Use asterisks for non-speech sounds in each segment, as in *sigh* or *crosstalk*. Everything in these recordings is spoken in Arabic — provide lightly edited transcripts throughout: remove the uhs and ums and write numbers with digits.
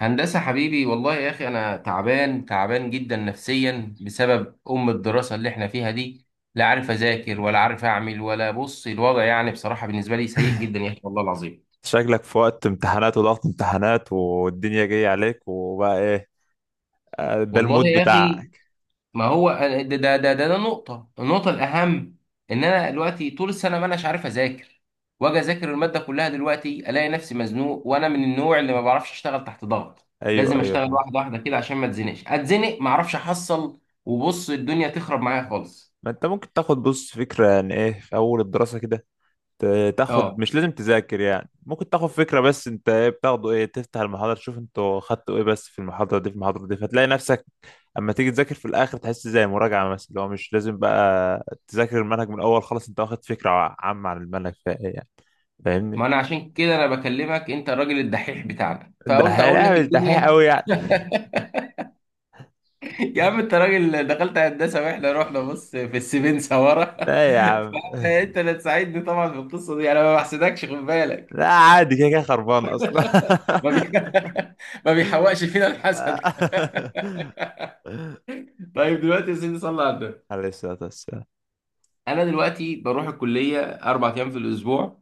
هندسة حبيبي والله يا أخي أنا تعبان تعبان جدا نفسيا بسبب الدراسة اللي إحنا فيها دي. لا عارف أذاكر ولا عارف أعمل، ولا بص الوضع يعني بصراحة بالنسبة لي سيء جدا يا أخي والله العظيم. شكلك في وقت امتحانات وضغط امتحانات والدنيا جاية عليك وبقى ايه؟ ده والله المود يا أخي، بتاعك. ما هو ده نقطة الأهم. إن أنا دلوقتي طول السنة ما أناش عارف أذاكر، وأجي أذاكر المادة كلها دلوقتي ألاقي نفسي مزنوق، وأنا من النوع اللي ما بعرفش أشتغل تحت ضغط. ايوه لازم ايوه، أشتغل فاهم. واحدة واحدة كده عشان ما أتزنقش، أتزنق ما أعرفش أحصل. وبص الدنيا تخرب معايا خالص. ما انت ممكن تاخد بص فكرة عن ايه في اول الدراسة كده، تاخد، اه، مش لازم تذاكر يعني، ممكن تاخد فكرة بس. انت ايه بتاخده؟ ايه، تفتح المحاضرة تشوف انتوا خدتوا ايه بس في المحاضرة دي، فتلاقي نفسك اما تيجي تذاكر في الاخر تحس زي مراجعة مثلا، اللي هو مش لازم بقى تذاكر المنهج من الاول، خلاص انت واخد فكرة عامة عن المنهج، فايه يعني؟ فاهمني؟ ما انا عشان كده انا بكلمك، انت الراجل الدحيح بتاعنا، ده فقلت اقول لك هيعمل دحيح الدنيا. قوي يعني؟ *laughs* يا عم انت راجل دخلت هندسه واحنا رحنا بص في السيفين سوارة. لا يا عم *laughs* *laughs* فانت اللي تساعدني طبعا في القصه دي، انا ما بحسدكش خد بالك. لا، عادي، كده كده خربان اصلا. ما بي... *laughs* ما بيحوقش فينا الحسد. *laughs* *laughs* طيب دلوقتي يا سيدي صلى على النبي. عليه الصلاة والسلام. انا دلوقتي بروح الكليه اربع ايام في الاسبوع،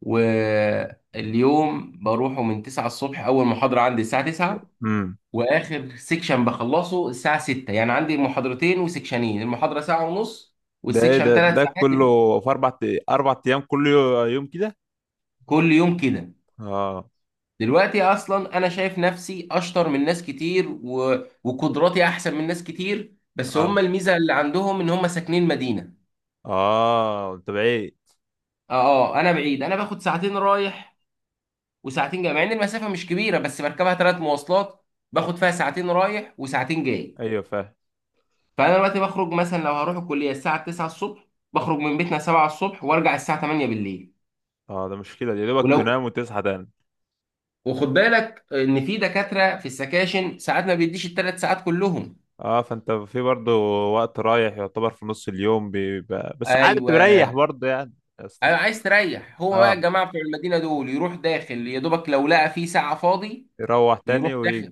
واليوم بروحه من 9 الصبح، اول محاضره عندي الساعه 9، امم واخر سيكشن بخلصه الساعه 6، يعني عندي محاضرتين وسيكشنين، المحاضره ساعه ونص ده ايه والسيكشن ده؟ ثلاث ده ساعات. كله في اربع، اربع ايام، كل يوم كده؟ كل يوم كده. اه. دلوقتي اصلا انا شايف نفسي اشطر من ناس كتير وقدراتي احسن من ناس كتير، بس اه، هم الميزه اللي عندهم ان هم ساكنين مدينه. اه، انت بعيد. اه انا بعيد، انا باخد ساعتين رايح وساعتين جاي، مع ان المسافه مش كبيره بس بركبها ثلاث مواصلات، باخد فيها ساعتين رايح وساعتين جاي. ايوه فاهم. فانا دلوقتي بخرج مثلا لو هروح الكليه الساعه 9 الصبح، بخرج من بيتنا 7 الصبح وارجع الساعه 8 بالليل. اه، ده مشكلة دي، يا دوبك ولو تنام وتصحى تاني. وخد بالك ان في دكاتره في السكاشن ساعات ما بيديش الثلاث ساعات كلهم. اه، فانت في برضه وقت رايح، يعتبر في نص اليوم بيبقى، بس عادي ايوه بتريح برضه يعني. بس مش- انا عايز تريح، هو بقى اه، الجماعه بتوع المدينه دول يروح داخل يا دوبك لو لقى في ساعه فاضي، يروح تاني يروح، ويجي.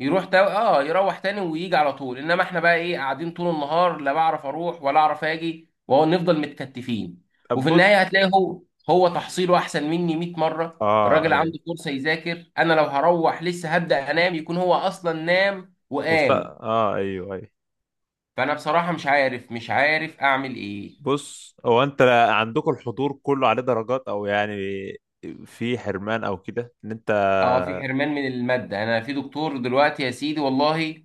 يروح تا... اه يروح تاني ويجي على طول، انما احنا بقى ايه قاعدين طول النهار لا بعرف اروح ولا اعرف اجي ونفضل متكتفين. طب وفي النهايه بص. هتلاقي هو تحصيله احسن مني 100 مره، اه الراجل ايوه، عنده فرصه يذاكر، انا لو هروح لسه هبدا انام يكون هو اصلا نام وقام. اه ايوه ايوه. فانا بصراحه مش عارف اعمل ايه. بص هو انت عندكم الحضور كله عليه درجات او يعني في حرمان او كده، ان انت اه في حرمان من المادة، يعني انا في دكتور دلوقتي يا سيدي والله،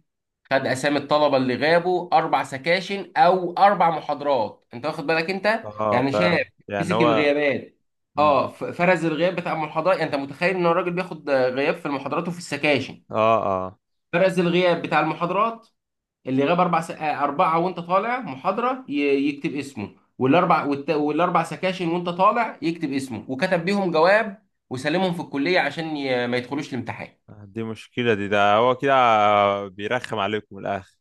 خد اسامي الطلبة اللي غابوا اربع سكاشن او اربع محاضرات، انت واخد بالك انت اه، يعني ف شاب يعني مسك هو الغيابات. مم. اه فرز الغياب بتاع المحاضرات، يعني انت متخيل ان الراجل بياخد غياب في المحاضرات وفي السكاشن. اه، اه، فرز الغياب بتاع المحاضرات، اللي غاب اربع س... آه، اربعة، وانت طالع محاضرة يكتب اسمه، والاربع سكاشن وانت طالع يكتب اسمه، وكتب بيهم جواب وسلمهم في الكلية عشان ما يدخلوش الامتحان. دي مشكلة دي، ده هو كده بيرخم عليكم من الاخر.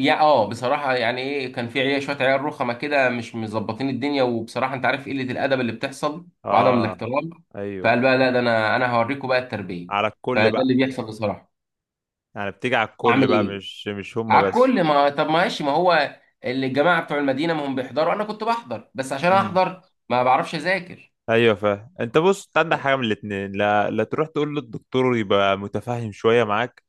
يا اه بصراحة، يعني ايه، كان في عيال، شوية عيال رخمة كده مش مظبطين الدنيا، وبصراحة انت عارف قلة الأدب اللي بتحصل وعدم اه الاحترام. ايوه، فقال بقى لا ده، انا هوريكم بقى التربية. على الكل فده اللي بقى، بيحصل بصراحة. يعني بتيجي على الكل اعمل بقى ايه؟ مش هما على بس. الكل، ما طب ماشي، ما هو اللي الجماعة بتوع المدينة ما هم بيحضروا، انا كنت بحضر بس عشان مم. احضر، ما بعرفش اذاكر. ايوه فاهم. انت بص، انت عندك حاجة من الاتنين، لا، تروح تقول للدكتور يبقى متفاهم شوية معاك.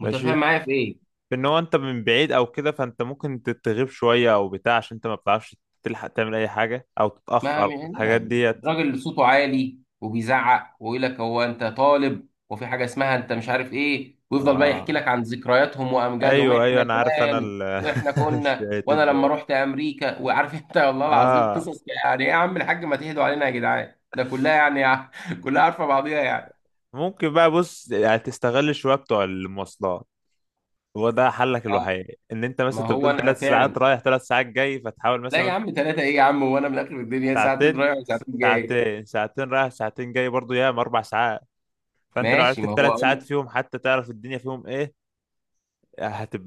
ماشي، متفاهم معايا في ايه؟ ان هو انت من بعيد او كده، فانت ممكن تتغيب شويه او بتاع عشان انت ما بتعرفش تلحق تعمل اي حاجه او ما تتاخر الحاجات نعم ديت. الراجل اللي صوته عالي وبيزعق ويقول لك هو انت طالب وفي حاجه اسمها انت مش عارف ايه، ويفضل بقى اه يحكي لك عن ذكرياتهم وامجادهم، ايوه ايوه، احنا انا عارف، انا زمان واحنا *laughs* كنا، الشيات وانا لما دول. رحت امريكا، وعارف انت *laughs* والله العظيم اه، قصص، يعني ايه يا عم الحاج ما تهدوا علينا يا جدعان، ده كلها يعني *laughs* كلها عارفه بعضيها يعني. ممكن بقى بص يعني تستغل شويه بتوع المواصلات، هو ده حلك آه، الوحيد. ان انت مثلا، ما انت هو بتقول انا ثلاث ساعات فعلا، رايح ثلاث ساعات جاي، فتحاول لا يا مثلا عم ثلاثه ايه يا عم، وانا من اخر الدنيا ساعتين ساعتين، رايح وساعتين جاي. ساعتين رايح ساعتين جاي، برضو ياما اربع ساعات، فانت لو ماشي، عرفت في ما هو، ثلاث ساعات فيهم حتى تعرف الدنيا فيهم ايه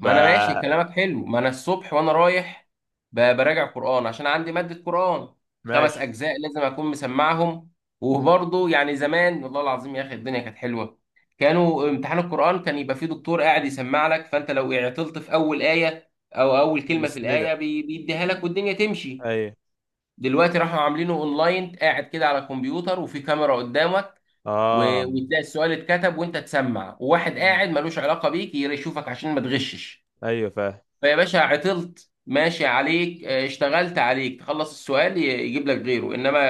ما انا ماشي كلامك حلو، ما انا الصبح وانا رايح براجع قرآن عشان عندي مادة قرآن، خمس ماشي. اجزاء لازم اكون مسمعهم. وبرضه يعني زمان والله العظيم يا اخي الدنيا كانت حلوة، كانوا امتحان القرآن كان يبقى فيه دكتور قاعد يسمع لك، فانت لو عطلت في اول آية او اول كلمة في يسندك. الآية بيديها لك والدنيا تمشي. ايوه. دلوقتي راحوا عاملينه اونلاين، قاعد كده على الكمبيوتر وفي كاميرا قدامك، اه. وتلاقي السؤال اتكتب وانت تسمع، وواحد مم. قاعد ملوش علاقة بيك يشوفك عشان ما تغشش. ايوه فاهم. فيا باشا عطلت ماشي عليك، آه، اشتغلت عليك تخلص السؤال يجيب لك غيره، انما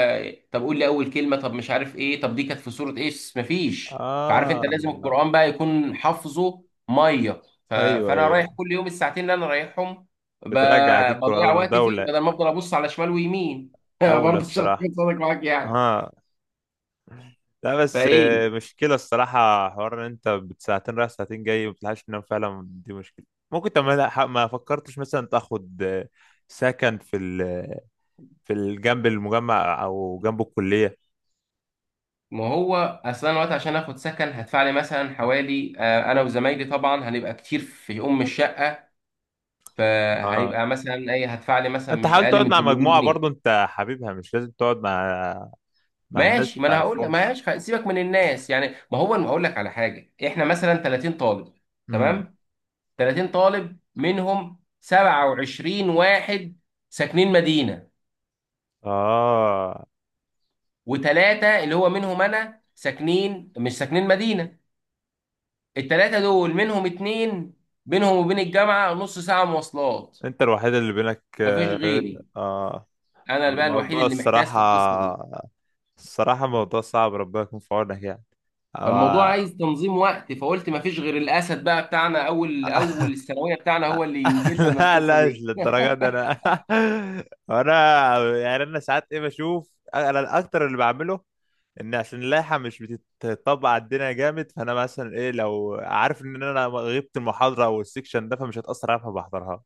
طب قول لي اول كلمه، طب مش عارف ايه، طب دي كانت في سوره ايه، مفيش. فعارف اه انت لازم القران بقى يكون حافظه ميه؟ ايوه فانا ايوه. رايح أيوة. كل يوم الساعتين اللي انا رايحهم ب... بترجع كيك بضيع كل وقتي فيه دولة. بدل ما افضل ابص على شمال ويمين. *laughs* اولى برضه مش الصراحة. هكون صادق معاك يعني. اه، لا بس فايه، مشكلة الصراحة حوار ان انت بساعتين رايح ساعتين جاي ما بتلحقش تنام، فعلا دي مشكلة. ممكن طب ما لا، ما فكرتش مثلا تاخد سكن في ال جنب المجمع او جنب الكلية؟ ما هو اصلا الوقت، عشان اخد سكن هدفع لي مثلا حوالي، آه، انا وزمايلي طبعا هنبقى كتير في الشقه، اه، فهيبقى مثلا ايه هدفع لي مثلا انت مش حاول اقل تقعد من مع 800 مجموعة جنيه برضو انت حبيبها، مش لازم تقعد مع، مع ناس ماشي، ما ما انا هقول لك تعرفهمش. ماشي، سيبك من الناس يعني، ما هو انا هقول لك على حاجه، احنا مثلا 30 طالب، امم. تمام، 30 طالب منهم 27 واحد ساكنين مدينه، اه، وثلاثه اللي هو منهم انا ساكنين مش ساكنين مدينه. الثلاثه دول منهم اتنين بينهم وبين الجامعه نص ساعه مواصلات، انت الوحيد اللي بينك، مفيش اه. غيري، آه. انا بقى الوحيد الموضوع اللي محتاس الصراحة، في القصه. الصراحة موضوع صعب، ربنا يكون في عونك يعني. فالموضوع آه. عايز تنظيم وقت، فقلت ما فيش غير الاسد بقى بتاعنا اول اول *laughs* الثانويه بتاعنا هو اللي ينجدنا من لا القصه لا، مش دي. للدرجة *laughs* دي انا. *laughs* انا يعني انا ساعات ايه بشوف، انا الاكتر اللي بعمله ان عشان اللائحه مش بتطبق على الدنيا جامد، فانا مثلا ايه، لو عارف ان انا غبت المحاضره او السكشن ده فمش هتاثر عليها فبحضرها،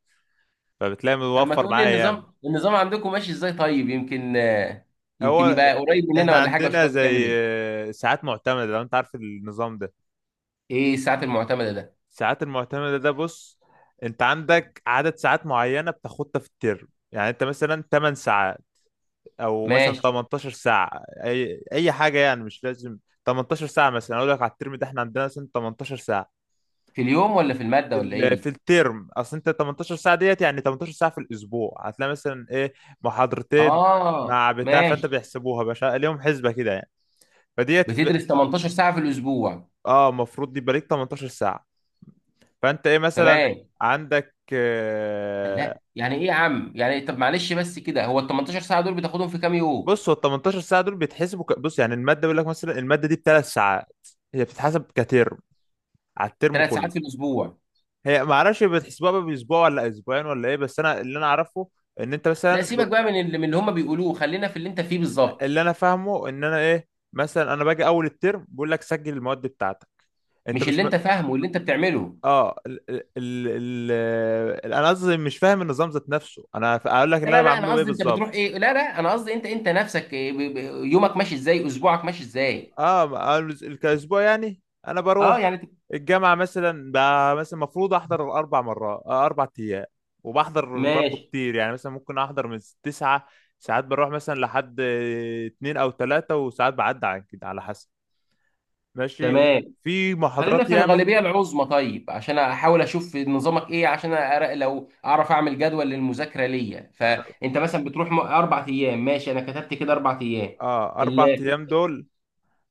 فبتلاقي طب ما موفر تقول لي معايا. النظام، عندكم ماشي ازاي؟ طيب يمكن، آه، يمكن هو يبقى قريب مننا احنا ولا حاجه عندنا واشوفك بتعمل زي ايه. ساعات معتمدة، لو انت عارف النظام ده، ايه الساعات المعتمده ده؟ الساعات المعتمدة ده بص، انت عندك عدد ساعات معينة بتاخدها في الترم، يعني انت مثلا 8 ساعات او مثلا ماشي. 18 ساعة، اي حاجة يعني، مش لازم. 18 ساعة مثلا، اقول لك على الترم ده احنا عندنا مثلا 18 ساعة في اليوم ولا في في الماده ولا ايه ال- في دي؟ الترم، اصل انت 18 ساعة ديت يعني 18 ساعة في الاسبوع، هتلاقي مثلا ايه، محاضرتين اه مع بتاع، فانت ماشي. بيحسبوها باشا ليهم حسبة كده يعني، فديت. بتدرس 18 ساعه في الاسبوع. اه، المفروض يبقى ليك 18 ساعة، فانت ايه مثلا تمام. عندك الله يعني ايه يا عم، يعني طب معلش بس كده، هو ال 18 ساعه دول بتاخدهم في كام يوم؟ بص، هو ال 18 ساعة دول بيتحسبوا بص يعني المادة بيقول لك مثلا المادة دي بثلاث ساعات، هي بتتحسب كترم، على الترم ثلاث كله. ساعات في الاسبوع. هي ما اعرفش بتحسبوها بقى باسبوع ولا اسبوعين ولا ايه، بس انا اللي انا اعرفه ان انت لا مثلا سيبك بقى من اللي هم بيقولوه، خلينا في اللي انت فيه بالظبط. اللي انا فاهمه ان انا ايه، مثلا انا باجي اول الترم بقول لك سجل المواد بتاعتك، انت مش مش اللي انت فاهمه واللي انت بتعمله. اه انا قصدي مش فاهم النظام ذات نفسه، انا اقول لك لا اللي انا لا لا انا بعمله ايه قصدي انت بتروح بالظبط. ايه، لا لا انا قصدي انت انت نفسك إيه يومك ماشي ازاي، اسبوعك ماشي ازاي. اه أنا كاسبوع يعني، انا اه بروح يعني الجامعه مثلا مثلا المفروض احضر اربع مرات، اربع ايام، وبحضر برضه ماشي، كتير يعني، مثلا ممكن احضر من تسعة ساعات، بروح مثلا لحد اتنين او تلاتة، وساعات بعدي عن كده على حسب. ماشي، تمام. في خلينا محاضرات في ياما. الغالبية العظمى، طيب عشان احاول اشوف نظامك ايه عشان أرى لو اعرف اعمل جدول للمذاكرة ليا، فانت مثلا بتروح اربع ايام، ماشي، انا كتبت كده اربع ايام. اه اربع ال- ايام دول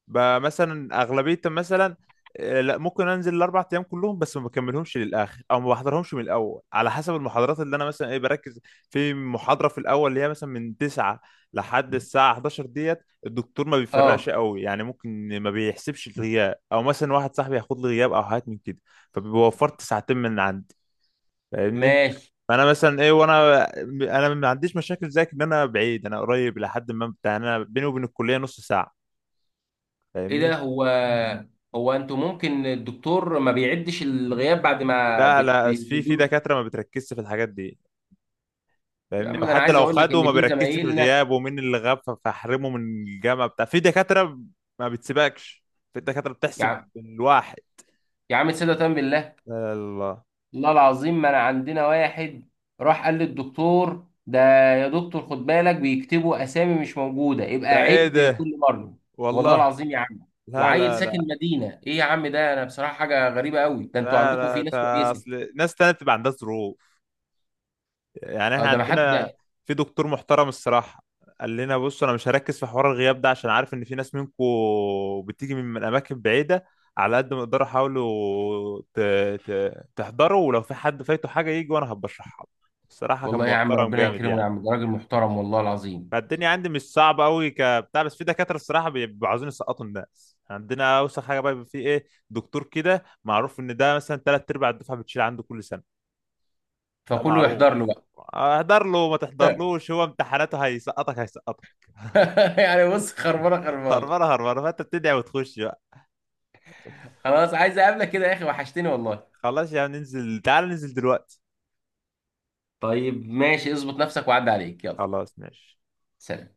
مثلا اغلبيه مثلا لا، ممكن انزل الاربع ايام كلهم بس ما بكملهمش للاخر او ما بحضرهمش من الاول، على حسب المحاضرات اللي انا مثلا ايه بركز في محاضره في الاول، اللي هي مثلا من 9 لحد الساعه 11 ديت، الدكتور ما بيفرقش اه قوي يعني، ممكن ما بيحسبش الغياب، او مثلا واحد صاحبي هياخد لي غياب او حاجات من كده، فبيوفرت ساعتين من عندي، فاهمني؟ ماشي. فانا مثلا ايه، وانا، انا ما عنديش مشاكل زيك ان انا بعيد، انا قريب لحد ما بتاع، انا بيني وبين الكليه نص ساعه، ايه ده؟ فاهمني؟ هو هو انتوا ممكن الدكتور ما بيعدش الغياب بعد ما لا لا، في بتدوا في له؟ دكاترة ما بتركزش في الحاجات دي يا فاهمني، عم ده انا وحتى عايز لو اقول لك خدوا ان ما في بيركزش في زمايلنا، الغياب ومين اللي غاب فاحرمه من الجامعة بتاع. في دكاترة ما بتسيبكش، في دكاترة يا بتحسب عم بالواحد. يا عم صدقة بالله، يا الله، والله العظيم ما انا عندنا واحد راح قال للدكتور ده، يا دكتور خد بالك بيكتبوا اسامي مش موجوده، يبقى ده ايه عد ده؟ كل مره. والله والله. العظيم يا عم. لا وعيل لا ساكن لا مدينه ايه يا عم، ده انا بصراحه حاجه غريبه قوي، ده انتوا لا عندكم لا في ناس ده كويسه. اصل ناس تانية بتبقى عندها ظروف، يعني اه احنا ده ما حد. عندنا في دكتور محترم الصراحة، قال لنا بص انا مش هركز في حوار الغياب ده عشان عارف ان في ناس منكم بتيجي من اماكن بعيدة، على قد ما تقدروا حاولوا تحضروا، ولو في حد فايته حاجة يجي وانا هبشرحها له. الصراحة كان والله يا عم محترم ربنا جامد يكرمه يا يعني. عم، ده راجل محترم والله العظيم. فالدنيا عندي مش صعبة قوي كبتاع، بس في دكاترة الصراحة بيبقوا عاوزين يسقطوا الناس. عندنا اوسخ حاجة بقى، بيبقى في ايه دكتور كده معروف ان ده مثلا تلات ارباع الدفعة بتشيل عنده كل سنة. ده فكله معروف، يحضر له بقى. اهدر له ما تحضرلوش، هو امتحاناته هيسقطك هيسقطك. *laughs* يعني بص خربانه خربانه. هربانه هربانه، فانت بتدعي وتخش بقى. خلاص عايز اقابلك كده يا اخي، وحشتني والله. خلاص يا عم ننزل، تعال ننزل دلوقتي. طيب ماشي، اظبط نفسك وعدي عليك، يلا. خلاص ماشي. سلام.